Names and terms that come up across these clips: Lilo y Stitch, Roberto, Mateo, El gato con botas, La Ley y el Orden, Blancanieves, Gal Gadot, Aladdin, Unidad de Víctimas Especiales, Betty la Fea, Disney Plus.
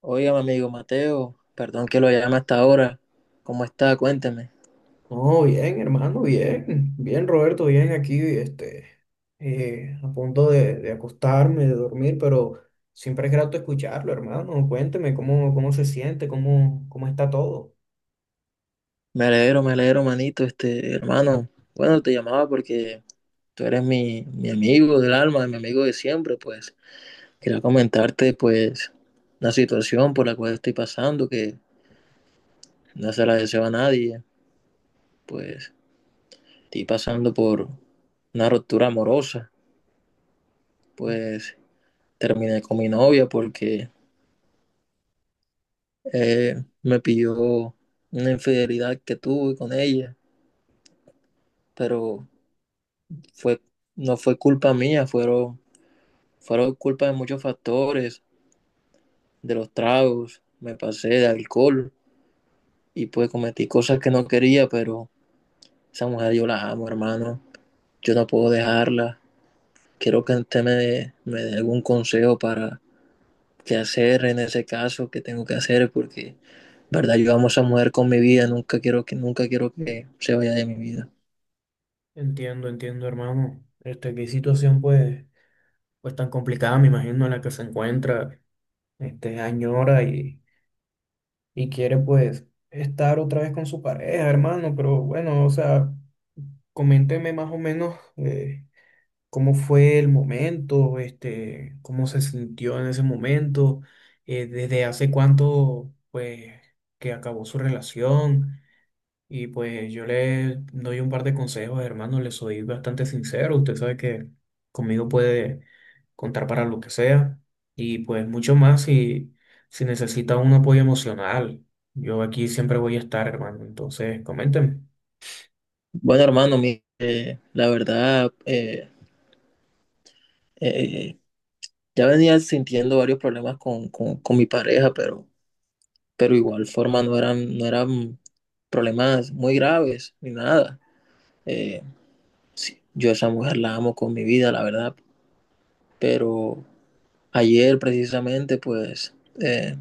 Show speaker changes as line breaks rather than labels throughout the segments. Oiga, mi amigo Mateo, perdón que lo llame hasta ahora. ¿Cómo está? Cuénteme.
No, bien, hermano, bien. Bien, Roberto, bien aquí, a punto de acostarme, de dormir, pero siempre es grato escucharlo, hermano. Cuénteme cómo se siente, cómo está todo.
Me alegro, manito, este hermano. Bueno, te llamaba porque tú eres mi amigo del alma, mi amigo de siempre, pues quería comentarte, pues, una situación por la cual estoy pasando, que no se la deseo a nadie. Pues estoy pasando por una ruptura amorosa. Pues terminé con mi novia porque me pidió una infidelidad que tuve con ella, pero fue, no fue culpa mía, fueron, fueron culpa de muchos factores, de los tragos, me pasé de alcohol y pues cometí cosas que no quería, pero esa mujer yo la amo, hermano. Yo no puedo dejarla. Quiero que usted me dé algún consejo para qué hacer en ese caso, qué tengo que hacer, porque, verdad, yo amo a esa mujer con mi vida, nunca quiero que, nunca quiero que se vaya de mi vida.
Entiendo, hermano. Qué situación, pues tan complicada, me imagino, en la que se encuentra, añora y quiere, pues, estar otra vez con su pareja, hermano, pero bueno, o sea, coménteme más o menos. Cómo fue el momento, cómo se sintió en ese momento, desde hace cuánto, pues, que acabó su relación. Y pues yo le doy un par de consejos, hermano, le soy bastante sincero. Usted sabe que conmigo puede contar para lo que sea. Y pues mucho más si necesita un apoyo emocional. Yo aquí siempre voy a estar, hermano. Entonces, coménteme.
Bueno, hermano, la verdad, eh, ya venía sintiendo varios problemas con mi pareja, pero igual forma no eran, no eran problemas muy graves ni nada. Eh, sí, yo a esa mujer la amo con mi vida, la verdad, pero ayer precisamente pues eh,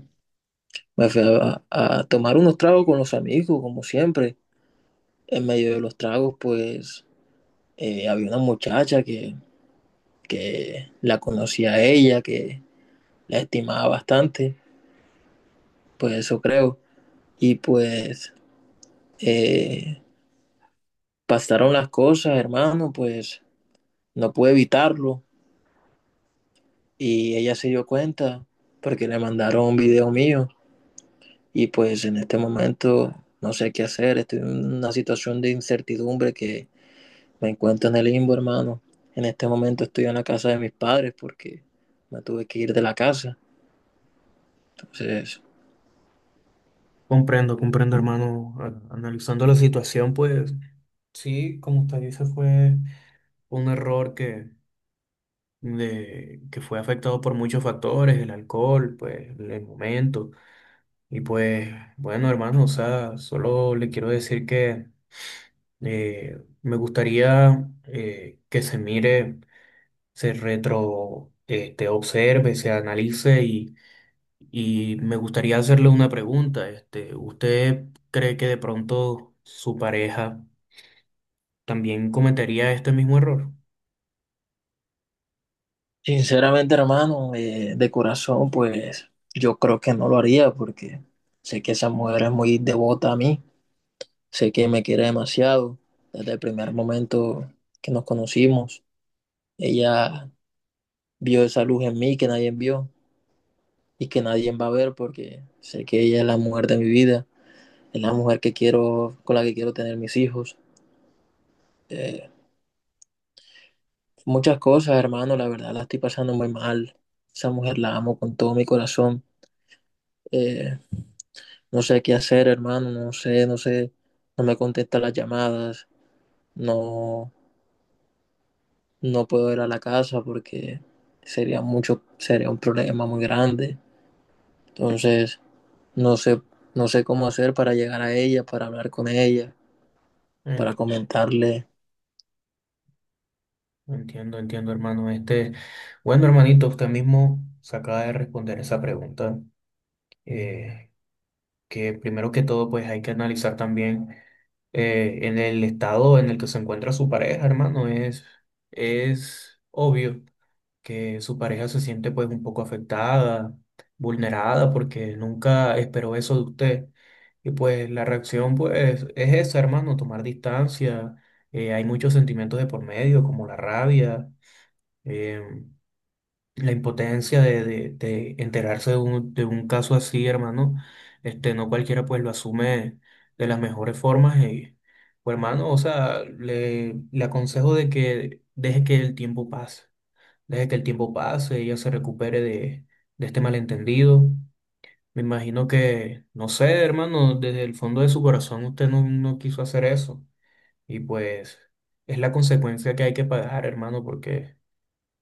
me fui a tomar unos tragos con los amigos, como siempre. En medio de los tragos pues había una muchacha que la conocía a ella, que la estimaba bastante, pues eso creo. Y pues eh, pasaron las cosas, hermano, pues no pude evitarlo y ella se dio cuenta porque le mandaron un video mío y pues en este momento no sé qué hacer, estoy en una situación de incertidumbre que me encuentro en el limbo, hermano. En este momento estoy en la casa de mis padres porque me tuve que ir de la casa. Entonces,
Comprendo, hermano. Analizando la situación, pues sí, como usted dice, fue un error que fue afectado por muchos factores, el alcohol, pues el momento. Y pues, bueno, hermano, o sea, solo le quiero decir que me gustaría que se mire, observe, se analice y me gustaría hacerle una pregunta. ¿Usted cree que de pronto su pareja también cometería este mismo error?
sinceramente, hermano, de corazón, pues yo creo que no lo haría porque sé que esa mujer es muy devota a mí. Sé que me quiere demasiado. Desde el primer momento que nos conocimos, ella vio esa luz en mí que nadie vio y que nadie va a ver porque sé que ella es la mujer de mi vida, es la mujer que quiero, con la que quiero tener mis hijos. Eh, muchas cosas, hermano, la verdad la estoy pasando muy mal. Esa mujer la amo con todo mi corazón. Eh, no sé qué hacer, hermano, no sé, no sé, no me contesta las llamadas, no no puedo ir a la casa porque sería mucho, sería un problema muy grande. Entonces, no sé, no sé cómo hacer para llegar a ella, para hablar con ella, para comentarle.
Entiendo, hermano. Bueno, hermanito, usted mismo se acaba de responder esa pregunta, eh, que primero que todo, pues hay que analizar también en el estado en el que se encuentra su pareja, hermano. Es obvio que su pareja se siente pues un poco afectada, vulnerada, porque nunca esperó eso de usted. Y pues la reacción pues es esa, hermano, tomar distancia. Hay muchos sentimientos de por medio, como la rabia, eh, la impotencia de enterarse de de un caso así, hermano, no cualquiera pues lo asume de las mejores formas. Y, pues, hermano, o sea, le aconsejo de que deje que el tiempo pase, deje que el tiempo pase, ella se recupere de este malentendido. Me imagino que, no sé, hermano, desde el fondo de su corazón usted no, no quiso hacer eso. Y pues es la consecuencia que hay que pagar, hermano, porque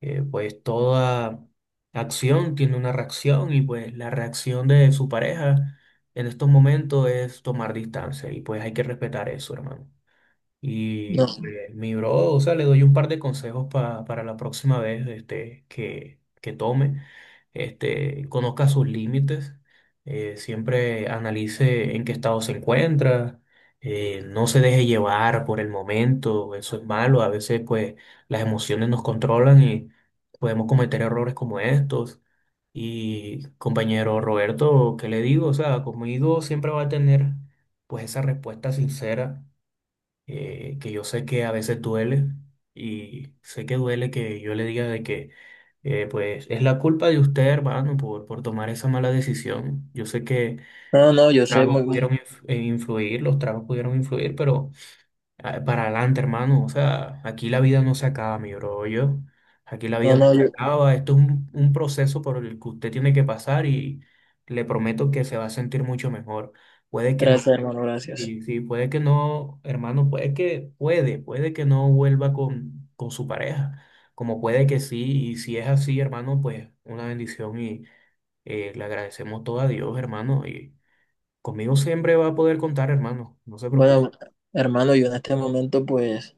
pues toda acción tiene una reacción y pues la reacción de su pareja en estos momentos es tomar distancia y pues hay que respetar eso, hermano. Y
No,
mi bro, o sea, le doy un par de consejos para la próxima vez que tome. Este, conozca sus límites, siempre analice en qué estado se encuentra, no se deje llevar por el momento, eso es malo. A veces, pues, las emociones nos controlan y podemos cometer errores como estos. Y compañero Roberto, ¿qué le digo? O sea, conmigo siempre va a tener, pues, esa respuesta sincera, que yo sé que a veces duele y sé que duele que yo le diga de que pues es la culpa de usted, hermano, por tomar esa mala decisión. Yo sé que
no, no, yo sé muy, muy-
influir, los tragos pudieron influir, pero ah, para adelante, hermano. O sea, aquí la vida no se acaba, mi bro. Yo, aquí la
no,
vida no
no,
se
yo-
acaba. Esto es un proceso por el que usted tiene que pasar y le prometo que se va a sentir mucho mejor. Puede que no,
gracias, hermano, gracias.
sí, sí, puede que no, hermano, puede que no vuelva con su pareja, como puede que sí. Y si es así, hermano, pues una bendición y le agradecemos todo a Dios, hermano. Y conmigo siempre va a poder contar, hermano. No se preocupe.
Bueno, hermano, yo en este momento, pues,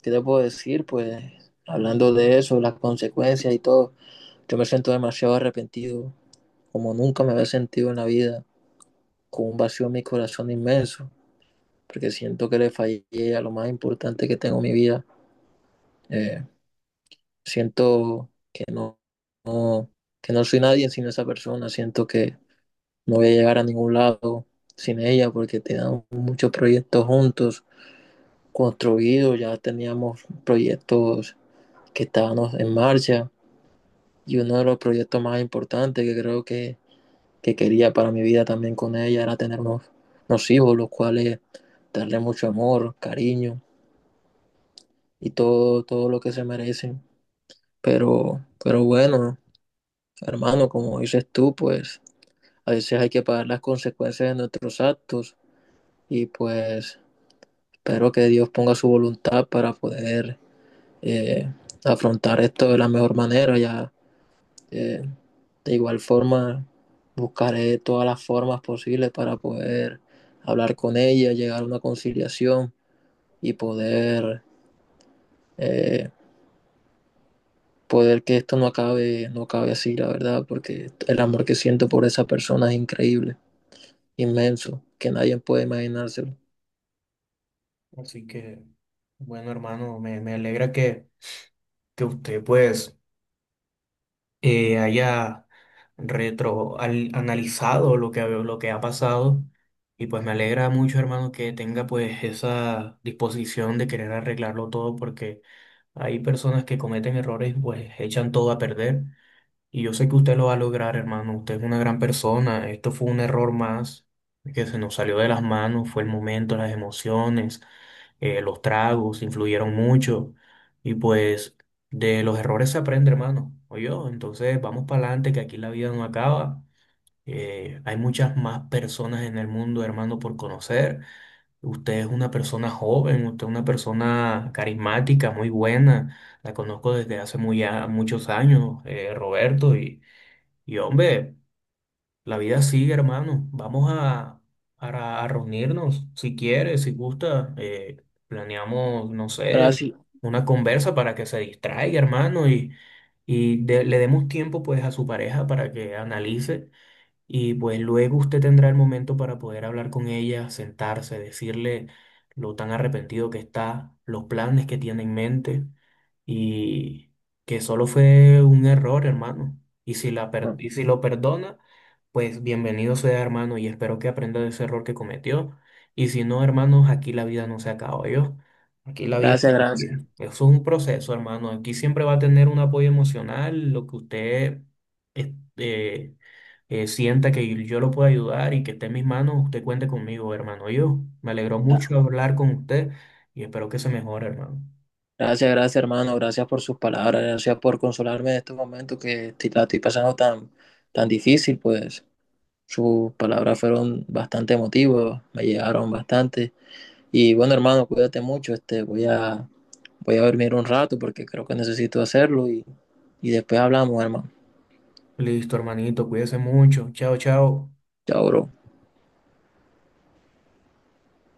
¿qué te puedo decir? Pues, hablando de eso, las consecuencias y todo, yo me siento demasiado arrepentido, como nunca me había sentido en la vida, con un vacío en mi corazón inmenso, porque siento que le fallé a lo más importante que tengo en mi vida. Eh, siento que no, no, que no soy nadie sin esa persona, siento que no voy a llegar a ningún lado sin ella porque teníamos muchos proyectos juntos, construidos, ya teníamos proyectos que estábamos en marcha y uno de los proyectos más importantes que creo que quería para mi vida también con ella era tener unos, unos hijos, los cuales darle mucho amor, cariño, y todo, todo lo que se merecen. Pero bueno, hermano, como dices tú, pues a veces hay que pagar las consecuencias de nuestros actos y pues espero que Dios ponga su voluntad para poder eh, afrontar esto de la mejor manera. Ya eh, de igual forma buscaré todas las formas posibles para poder hablar con ella, llegar a una conciliación y poder eh, poder que esto no acabe, no acabe así, la verdad, porque el amor que siento por esa persona es increíble, inmenso, que nadie puede imaginárselo.
Así que, bueno, hermano, me alegra que usted pues haya analizado lo que ha pasado y pues me alegra mucho, hermano, que tenga pues esa disposición de querer arreglarlo todo porque hay personas que cometen errores y pues echan todo a perder y yo sé que usted lo va a lograr, hermano. Usted es una gran persona. Esto fue un error más que se nos salió de las manos. Fue el momento, las emociones, los tragos influyeron mucho. Y pues de los errores se aprende, hermano. Oye, oh, entonces vamos para adelante, que aquí la vida no acaba. Hay muchas más personas en el mundo, hermano, por conocer. Usted es una persona joven, usted es una persona carismática, muy buena. La conozco desde hace muchos años, Roberto. Y hombre, la vida sigue, hermano. Vamos a reunirnos, si quiere, si gusta. Planeamos, no sé,
Gracias,
una conversa para que se distraiga, hermano, y, le demos tiempo pues a su pareja para que analice. Y pues luego usted tendrá el momento para poder hablar con ella, sentarse, decirle lo tan arrepentido que está, los planes que tiene en mente y que solo fue un error, hermano. Y
no,
y si lo perdona, pues bienvenido sea, hermano, y espero que aprenda de ese error que cometió. Y si no, hermanos, aquí la vida no se acaba, yo. Aquí la vida
gracias, gracias.
sigue. Eso es un proceso, hermano. Aquí siempre va a tener un apoyo emocional, lo que usted este, sienta que yo lo puedo ayudar y que esté en mis manos, usted cuente conmigo, hermano. Yo me alegró mucho
Ah,
hablar con usted y espero que se mejore, hermano.
gracias, gracias, hermano, gracias por sus palabras, gracias por consolarme en estos momentos que estoy- la estoy pasando tan, tan difícil, pues sus palabras fueron bastante emotivas, me llegaron bastante. Y bueno, hermano, cuídate mucho, este, voy a, voy a dormir un rato porque creo que necesito hacerlo y después hablamos, hermano.
Listo, hermanito, cuídese mucho. Chao, chao.
Chao, bro.